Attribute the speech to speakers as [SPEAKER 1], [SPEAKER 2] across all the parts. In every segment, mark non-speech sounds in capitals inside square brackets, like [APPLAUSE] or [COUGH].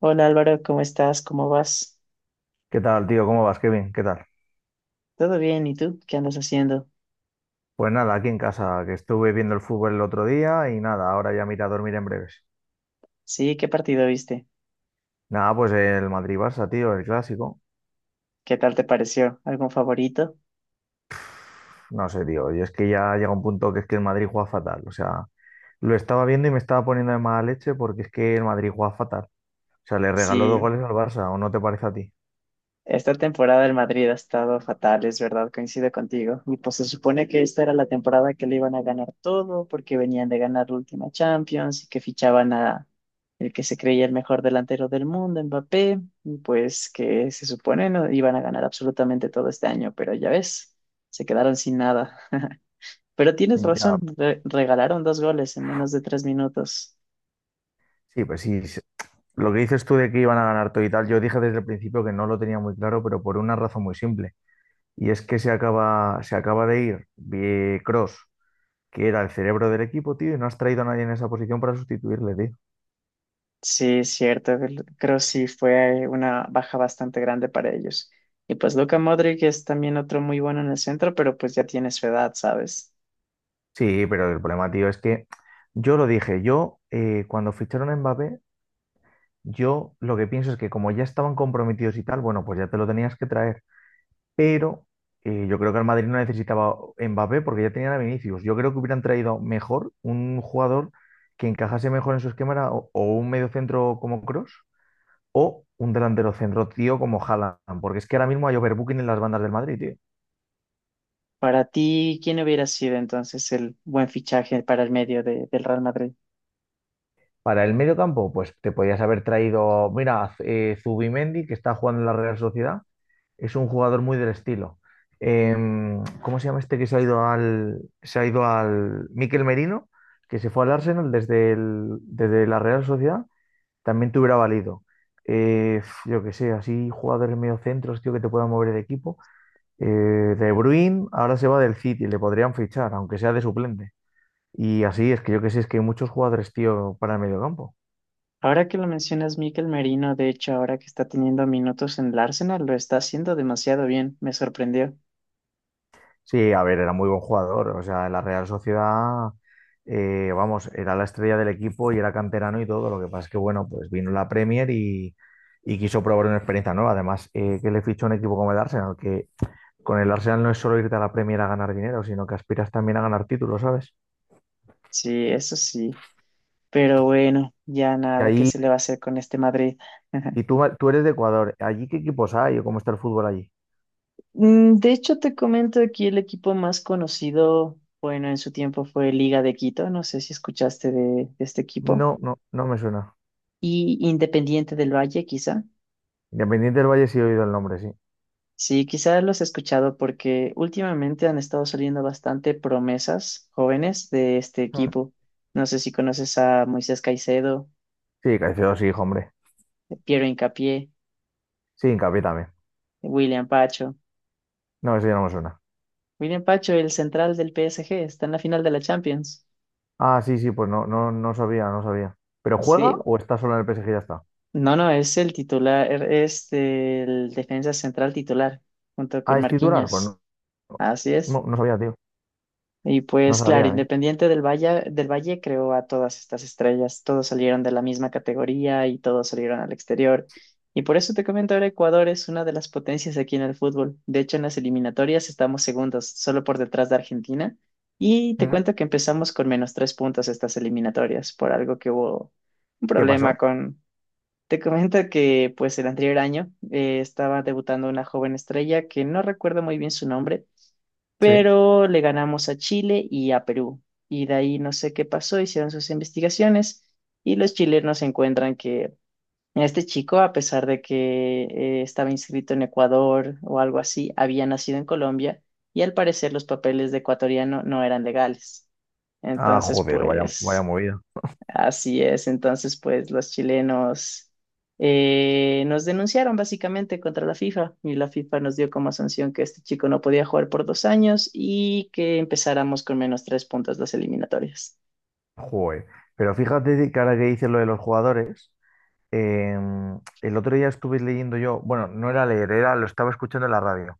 [SPEAKER 1] Hola Álvaro, ¿cómo estás? ¿Cómo vas?
[SPEAKER 2] ¿Qué tal, tío? ¿Cómo vas? Qué bien, ¿qué tal?
[SPEAKER 1] ¿Todo bien? ¿Y tú? ¿Qué andas haciendo?
[SPEAKER 2] Pues nada, aquí en casa, que estuve viendo el fútbol el otro día y nada, ahora ya me iré a dormir en breves.
[SPEAKER 1] Sí, ¿qué partido viste?
[SPEAKER 2] Nada, pues el Madrid-Barça, tío, el clásico.
[SPEAKER 1] ¿Qué tal te pareció? ¿Algún favorito?
[SPEAKER 2] No sé, tío, y es que ya llega un punto que es que el Madrid juega fatal. O sea, lo estaba viendo y me estaba poniendo de mala leche porque es que el Madrid juega fatal. O sea, le regaló dos
[SPEAKER 1] Sí,
[SPEAKER 2] goles al Barça, ¿o no te parece a ti?
[SPEAKER 1] esta temporada el Madrid ha estado fatal, es verdad, coincido contigo. Y pues se supone que esta era la temporada que le iban a ganar todo porque venían de ganar la última Champions y que fichaban a el que se creía el mejor delantero del mundo, Mbappé, y pues que se supone no iban a ganar absolutamente todo este año, pero ya ves, se quedaron sin nada. [LAUGHS] Pero tienes
[SPEAKER 2] Ya,
[SPEAKER 1] razón, regalaron dos goles en menos de tres minutos.
[SPEAKER 2] sí, pues sí. Sí. Lo que dices tú de que iban a ganar todo y tal, yo dije desde el principio que no lo tenía muy claro, pero por una razón muy simple. Y es que se acaba de ir Cross, que era el cerebro del equipo, tío, y no has traído a nadie en esa posición para sustituirle, tío.
[SPEAKER 1] Sí, es cierto, creo sí fue una baja bastante grande para ellos. Y pues Luka Modric es también otro muy bueno en el centro, pero pues ya tiene su edad, ¿sabes?
[SPEAKER 2] Sí, pero el problema, tío, es que yo lo dije, yo cuando ficharon a Mbappé, yo lo que pienso es que como ya estaban comprometidos y tal, bueno, pues ya te lo tenías que traer, pero yo creo que el Madrid no necesitaba Mbappé porque ya tenían a Vinicius. Yo creo que hubieran traído mejor un jugador que encajase mejor en su esquema, era o un medio centro como Cross o un delantero centro, tío, como Haaland, porque es que ahora mismo hay overbooking en las bandas del Madrid, tío.
[SPEAKER 1] Para ti, ¿quién hubiera sido entonces el buen fichaje para el medio del Real Madrid?
[SPEAKER 2] Para el medio campo, pues te podías haber traído, mira, Zubimendi, que está jugando en la Real Sociedad, es un jugador muy del estilo. ¿Cómo se llama este que se ha ido al Mikel Merino, que se fue al Arsenal desde la Real Sociedad? También te hubiera valido. Yo qué sé, así jugadores mediocentros, tío, que te puedan mover el equipo. Eh, De Bruyne ahora se va del City, le podrían fichar, aunque sea de suplente. Y así es que yo qué sé, es que hay muchos jugadores, tío, para el medio campo.
[SPEAKER 1] Ahora que lo mencionas, Mikel Merino, de hecho, ahora que está teniendo minutos en el Arsenal, lo está haciendo demasiado bien, me sorprendió.
[SPEAKER 2] Sí, a ver, era muy buen jugador. O sea, en la Real Sociedad, vamos, era la estrella del equipo y era canterano y todo. Lo que pasa es que, bueno, pues vino la Premier y quiso probar una experiencia nueva. Además, que le fichó un equipo como el Arsenal, que con el Arsenal no es solo irte a la Premier a ganar dinero, sino que aspiras también a ganar títulos, ¿sabes?
[SPEAKER 1] Sí, eso sí. Pero bueno, ya
[SPEAKER 2] Y
[SPEAKER 1] nada, ¿qué
[SPEAKER 2] ahí,
[SPEAKER 1] se le va a hacer con este Madrid?
[SPEAKER 2] y
[SPEAKER 1] [LAUGHS]
[SPEAKER 2] tú, tú eres de Ecuador. ¿Allí qué equipos hay o cómo está el fútbol allí?
[SPEAKER 1] De hecho, te comento aquí el equipo más conocido, bueno, en su tiempo fue Liga de Quito, no sé si escuchaste de este equipo,
[SPEAKER 2] No, no, no me suena.
[SPEAKER 1] y Independiente del Valle, quizá.
[SPEAKER 2] Independiente del Valle sí he oído el nombre, sí.
[SPEAKER 1] Sí, quizá los he escuchado porque últimamente han estado saliendo bastante promesas jóvenes de este
[SPEAKER 2] Ah.
[SPEAKER 1] equipo. No sé si conoces a Moisés Caicedo,
[SPEAKER 2] Sí, Caicedo sí, hijo, hombre.
[SPEAKER 1] Piero Hincapié,
[SPEAKER 2] Sí, Hincapié también.
[SPEAKER 1] William Pacho.
[SPEAKER 2] No, eso ya no me suena.
[SPEAKER 1] William Pacho, el central del PSG, está en la final de la Champions.
[SPEAKER 2] Ah, sí, sí, pues no, no, no sabía, no sabía. ¿Pero juega
[SPEAKER 1] Sí,
[SPEAKER 2] o está solo en el PSG y ya está?
[SPEAKER 1] no, no, es el titular, es el defensa central titular, junto con
[SPEAKER 2] Ah, ¿es titular? Pues
[SPEAKER 1] Marquinhos.
[SPEAKER 2] no,
[SPEAKER 1] Así es.
[SPEAKER 2] no, no sabía, tío.
[SPEAKER 1] Y
[SPEAKER 2] No
[SPEAKER 1] pues claro,
[SPEAKER 2] sabía, ¿eh?
[SPEAKER 1] Independiente del Valle, creó a todas estas estrellas, todos salieron de la misma categoría y todos salieron al exterior. Y por eso te comento ahora, Ecuador es una de las potencias aquí en el fútbol. De hecho, en las eliminatorias estamos segundos, solo por detrás de Argentina. Y te
[SPEAKER 2] Mm,
[SPEAKER 1] cuento que empezamos con menos tres puntos estas eliminatorias, por algo que hubo un
[SPEAKER 2] ¿qué
[SPEAKER 1] problema.
[SPEAKER 2] pasó?
[SPEAKER 1] Te comento que pues el anterior año, estaba debutando una joven estrella que no recuerdo muy bien su nombre,
[SPEAKER 2] Sí.
[SPEAKER 1] pero le ganamos a Chile y a Perú. Y de ahí no sé qué pasó, hicieron sus investigaciones y los chilenos encuentran que este chico, a pesar de que estaba inscrito en Ecuador o algo así, había nacido en Colombia y al parecer los papeles de ecuatoriano no eran legales.
[SPEAKER 2] Ah,
[SPEAKER 1] Entonces,
[SPEAKER 2] joder, vaya, vaya
[SPEAKER 1] pues...
[SPEAKER 2] movida.
[SPEAKER 1] Así es, entonces pues los chilenos, nos denunciaron básicamente contra la FIFA y la FIFA nos dio como sanción que este chico no podía jugar por dos años y que empezáramos con menos tres puntos las eliminatorias.
[SPEAKER 2] Joder. Pero fíjate que ahora que dices lo de los jugadores, el otro día estuve leyendo yo, bueno, no era leer, era, lo estaba escuchando en la radio.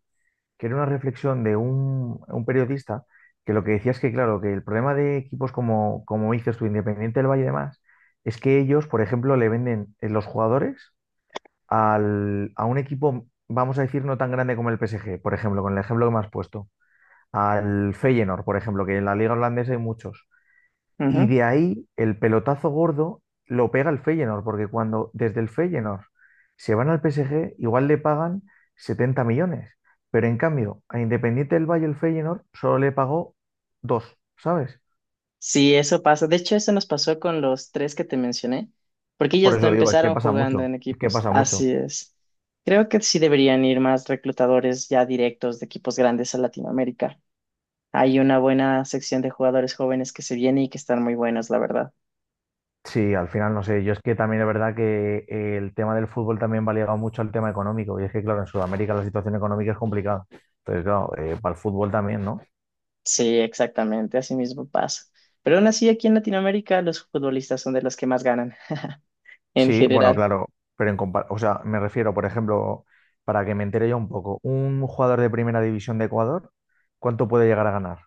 [SPEAKER 2] Que era una reflexión de un periodista, que lo que decía es que, claro, que el problema de equipos como dices tú, Independiente del Valle y demás, es que ellos, por ejemplo, le venden los jugadores a un equipo, vamos a decir, no tan grande como el PSG, por ejemplo, con el ejemplo que me has puesto, al Feyenoord, por ejemplo, que en la liga holandesa hay muchos. Y
[SPEAKER 1] Ujú.
[SPEAKER 2] de ahí el pelotazo gordo lo pega el Feyenoord, porque cuando desde el Feyenoord se van al PSG, igual le pagan 70 millones. Pero en cambio, a Independiente del Valle el Feyenoord solo le pagó dos, ¿sabes?
[SPEAKER 1] Sí, eso pasa. De hecho, eso nos pasó con los tres que te mencioné, porque
[SPEAKER 2] Por
[SPEAKER 1] ellos no
[SPEAKER 2] eso digo, es que
[SPEAKER 1] empezaron
[SPEAKER 2] pasa
[SPEAKER 1] jugando
[SPEAKER 2] mucho,
[SPEAKER 1] en
[SPEAKER 2] es que
[SPEAKER 1] equipos.
[SPEAKER 2] pasa mucho.
[SPEAKER 1] Así es. Creo que sí deberían ir más reclutadores ya directos de equipos grandes a Latinoamérica. Hay una buena sección de jugadores jóvenes que se viene y que están muy buenos, la verdad.
[SPEAKER 2] Sí, al final no sé, yo es que también es verdad que el tema del fútbol también va ligado mucho al tema económico, y es que claro, en Sudamérica la situación económica es complicada. Entonces, claro, para el fútbol también, ¿no?
[SPEAKER 1] Sí, exactamente, así mismo pasa. Pero aún así, aquí en Latinoamérica, los futbolistas son de los que más ganan, en
[SPEAKER 2] Sí, bueno,
[SPEAKER 1] general.
[SPEAKER 2] claro, pero en o sea, me refiero, por ejemplo, para que me entere yo un poco, un jugador de primera división de Ecuador, ¿cuánto puede llegar a ganar?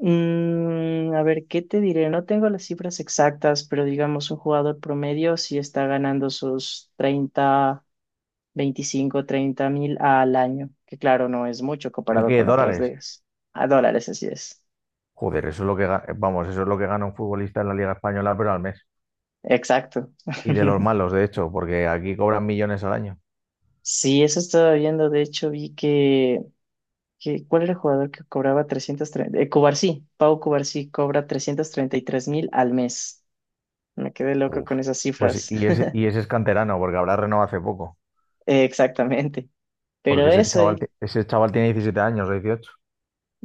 [SPEAKER 1] Mm, a ver, ¿qué te diré? No tengo las cifras exactas, pero digamos, un jugador promedio sí está ganando sus 30, 25, 30.000 al año, que claro, no es mucho
[SPEAKER 2] ¿El
[SPEAKER 1] comparado
[SPEAKER 2] qué?
[SPEAKER 1] con otras, bien,
[SPEAKER 2] ¿Dólares?
[SPEAKER 1] ligas. A dólares, así es.
[SPEAKER 2] Joder, eso es lo que vamos, eso es lo que gana un futbolista en la Liga Española, pero al mes.
[SPEAKER 1] Exacto.
[SPEAKER 2] Y de los
[SPEAKER 1] [LAUGHS]
[SPEAKER 2] malos, de hecho, porque aquí cobran millones al año.
[SPEAKER 1] Sí, eso estaba viendo. De hecho, vi que... ¿Qué? ¿Cuál era el jugador que cobraba 330? Cubarsí, Pau Cubarsí cobra 333 mil al mes. Me quedé loco
[SPEAKER 2] Uf.
[SPEAKER 1] con esas
[SPEAKER 2] Pues
[SPEAKER 1] cifras.
[SPEAKER 2] y ese, y
[SPEAKER 1] [LAUGHS]
[SPEAKER 2] ese es canterano, porque habrá renovado hace poco,
[SPEAKER 1] Exactamente. Pero
[SPEAKER 2] porque ese
[SPEAKER 1] eso,
[SPEAKER 2] chaval, ese chaval tiene 17 años o 18.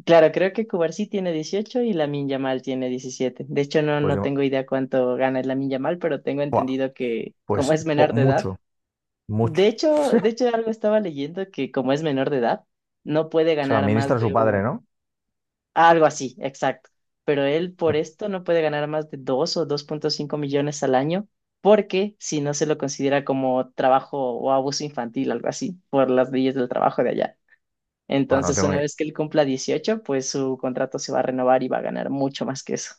[SPEAKER 1] claro, creo que Cubarsí tiene 18 y Lamine Yamal tiene 17. De hecho, no,
[SPEAKER 2] Pues,
[SPEAKER 1] no
[SPEAKER 2] yo-
[SPEAKER 1] tengo idea cuánto gana el Lamine Yamal, pero tengo
[SPEAKER 2] ¡Buah!
[SPEAKER 1] entendido que como es menor de edad,
[SPEAKER 2] Mucho, mucho.
[SPEAKER 1] de
[SPEAKER 2] [LAUGHS]
[SPEAKER 1] hecho algo estaba leyendo que como es menor de edad, no puede
[SPEAKER 2] Se lo
[SPEAKER 1] ganar más
[SPEAKER 2] administra su
[SPEAKER 1] de
[SPEAKER 2] padre,
[SPEAKER 1] un...
[SPEAKER 2] ¿no?
[SPEAKER 1] Algo así, exacto. Pero él por esto no puede ganar más de 2 o 2,5 millones al año, porque si no se lo considera como trabajo o abuso infantil, algo así, por las leyes del trabajo de allá.
[SPEAKER 2] Buah, no
[SPEAKER 1] Entonces,
[SPEAKER 2] tengo
[SPEAKER 1] una
[SPEAKER 2] ni
[SPEAKER 1] vez que él cumpla 18 pues su contrato se va a renovar y va a ganar mucho más que eso.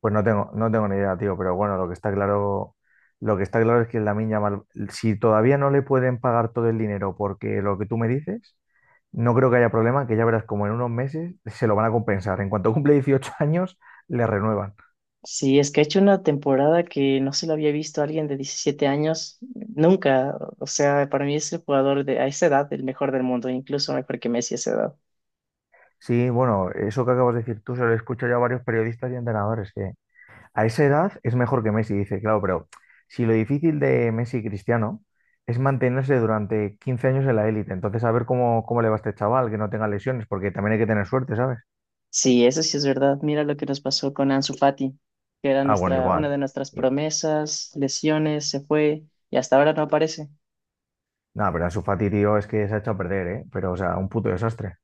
[SPEAKER 2] pues no tengo ni idea, tío, pero bueno, lo que está claro, lo que está claro es que Lamine Yamal, si todavía no le pueden pagar todo el dinero porque lo que tú me dices, no creo que haya problema, que ya verás como en unos meses se lo van a compensar. En cuanto cumple 18 [LAUGHS] años, le renuevan.
[SPEAKER 1] Sí, es que ha hecho una temporada que no se lo había visto a alguien de 17 años nunca. O sea, para mí es el jugador de a esa edad el mejor del mundo, incluso mejor que Messi a esa edad.
[SPEAKER 2] Sí, bueno, eso que acabas de decir tú se lo escucho ya a varios periodistas y entrenadores, que a esa edad es mejor que Messi, dice, claro, pero si lo difícil de Messi y Cristiano es mantenerse durante 15 años en la élite, entonces a ver cómo le va a este chaval, que no tenga lesiones, porque también hay que tener suerte, ¿sabes?
[SPEAKER 1] Sí, eso sí es verdad. Mira lo que nos pasó con Ansu Fati, que era
[SPEAKER 2] Ah, bueno,
[SPEAKER 1] nuestra, una
[SPEAKER 2] igual.
[SPEAKER 1] de nuestras
[SPEAKER 2] Y-
[SPEAKER 1] promesas, lesiones, se fue y hasta ahora no aparece.
[SPEAKER 2] Nada, pero su Fati, tío, es que se ha hecho a perder, ¿eh? Pero, o sea, un puto desastre.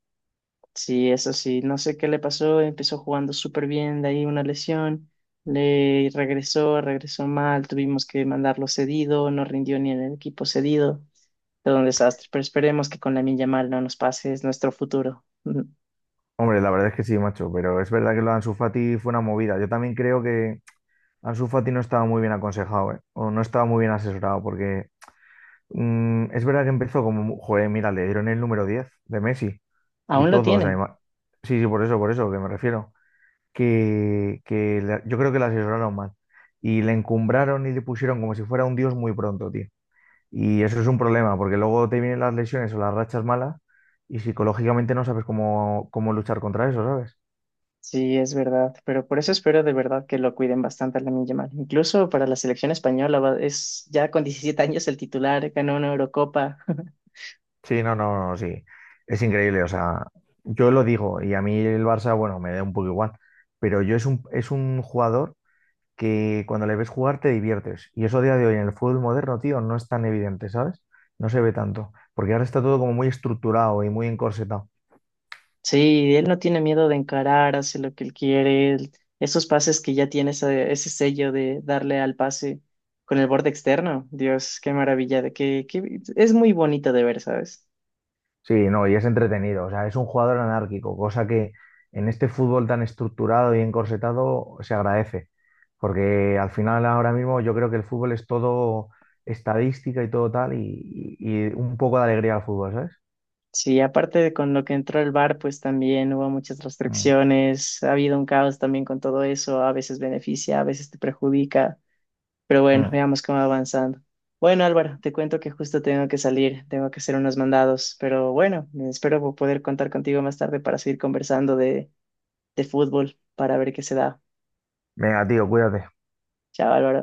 [SPEAKER 1] Sí, eso sí, no sé qué le pasó, empezó jugando súper bien, de ahí una lesión, le regresó, regresó mal, tuvimos que mandarlo cedido, no rindió ni en el equipo cedido, todo un desastre, pero esperemos que con la Yamal no nos pase, es nuestro futuro. [LAUGHS]
[SPEAKER 2] Hombre, la verdad es que sí, macho, pero es verdad que lo de Ansu Fati fue una movida. Yo también creo que Ansu Fati no estaba muy bien aconsejado, ¿eh? O no estaba muy bien asesorado, porque mm, es verdad que empezó como, joder, mira, le dieron el número 10 de Messi y
[SPEAKER 1] Aún lo
[SPEAKER 2] todo, o sea,
[SPEAKER 1] tiene.
[SPEAKER 2] sí, sí, por eso, que me refiero, yo creo que la asesoraron mal y le encumbraron y le pusieron como si fuera un dios muy pronto, tío. Y eso es un problema, porque luego te vienen las lesiones o las rachas malas y psicológicamente no sabes cómo luchar contra eso, ¿sabes?
[SPEAKER 1] Sí, es verdad, pero por eso espero de verdad que lo cuiden bastante a Lamine Yamal. Incluso para la selección española va- es ya con 17 [LAUGHS] años el titular, ganó una Eurocopa. [LAUGHS]
[SPEAKER 2] Sí, no, no, no, sí, es increíble, o sea, yo lo digo y a mí el Barça, bueno, me da un poco igual, pero yo es un jugador que cuando le ves jugar te diviertes. Y eso a día de hoy en el fútbol moderno, tío, no es tan evidente, ¿sabes? No se ve tanto, porque ahora está todo como muy estructurado y muy encorsetado.
[SPEAKER 1] Sí, él no tiene miedo de encarar, hace lo que él quiere. Esos pases que ya tiene ese, ese sello de darle al pase con el borde externo. Dios, qué maravilla, es muy bonito de ver, ¿sabes?
[SPEAKER 2] Sí, no, y es entretenido, o sea, es un jugador anárquico, cosa que en este fútbol tan estructurado y encorsetado se agradece, porque al final ahora mismo yo creo que el fútbol es todo estadística y todo tal, y un poco de alegría al fútbol, ¿sabes?
[SPEAKER 1] Sí, aparte de con lo que entró el VAR, pues también hubo muchas
[SPEAKER 2] Mm,
[SPEAKER 1] restricciones, ha habido un caos también con todo eso, a veces beneficia, a veces te perjudica. Pero bueno,
[SPEAKER 2] mm.
[SPEAKER 1] veamos cómo va avanzando. Bueno, Álvaro, te cuento que justo tengo que salir, tengo que hacer unos mandados, pero bueno, espero poder contar contigo más tarde para seguir conversando de fútbol, para ver qué se da.
[SPEAKER 2] Venga, tío, cuídate.
[SPEAKER 1] Chao, Álvaro.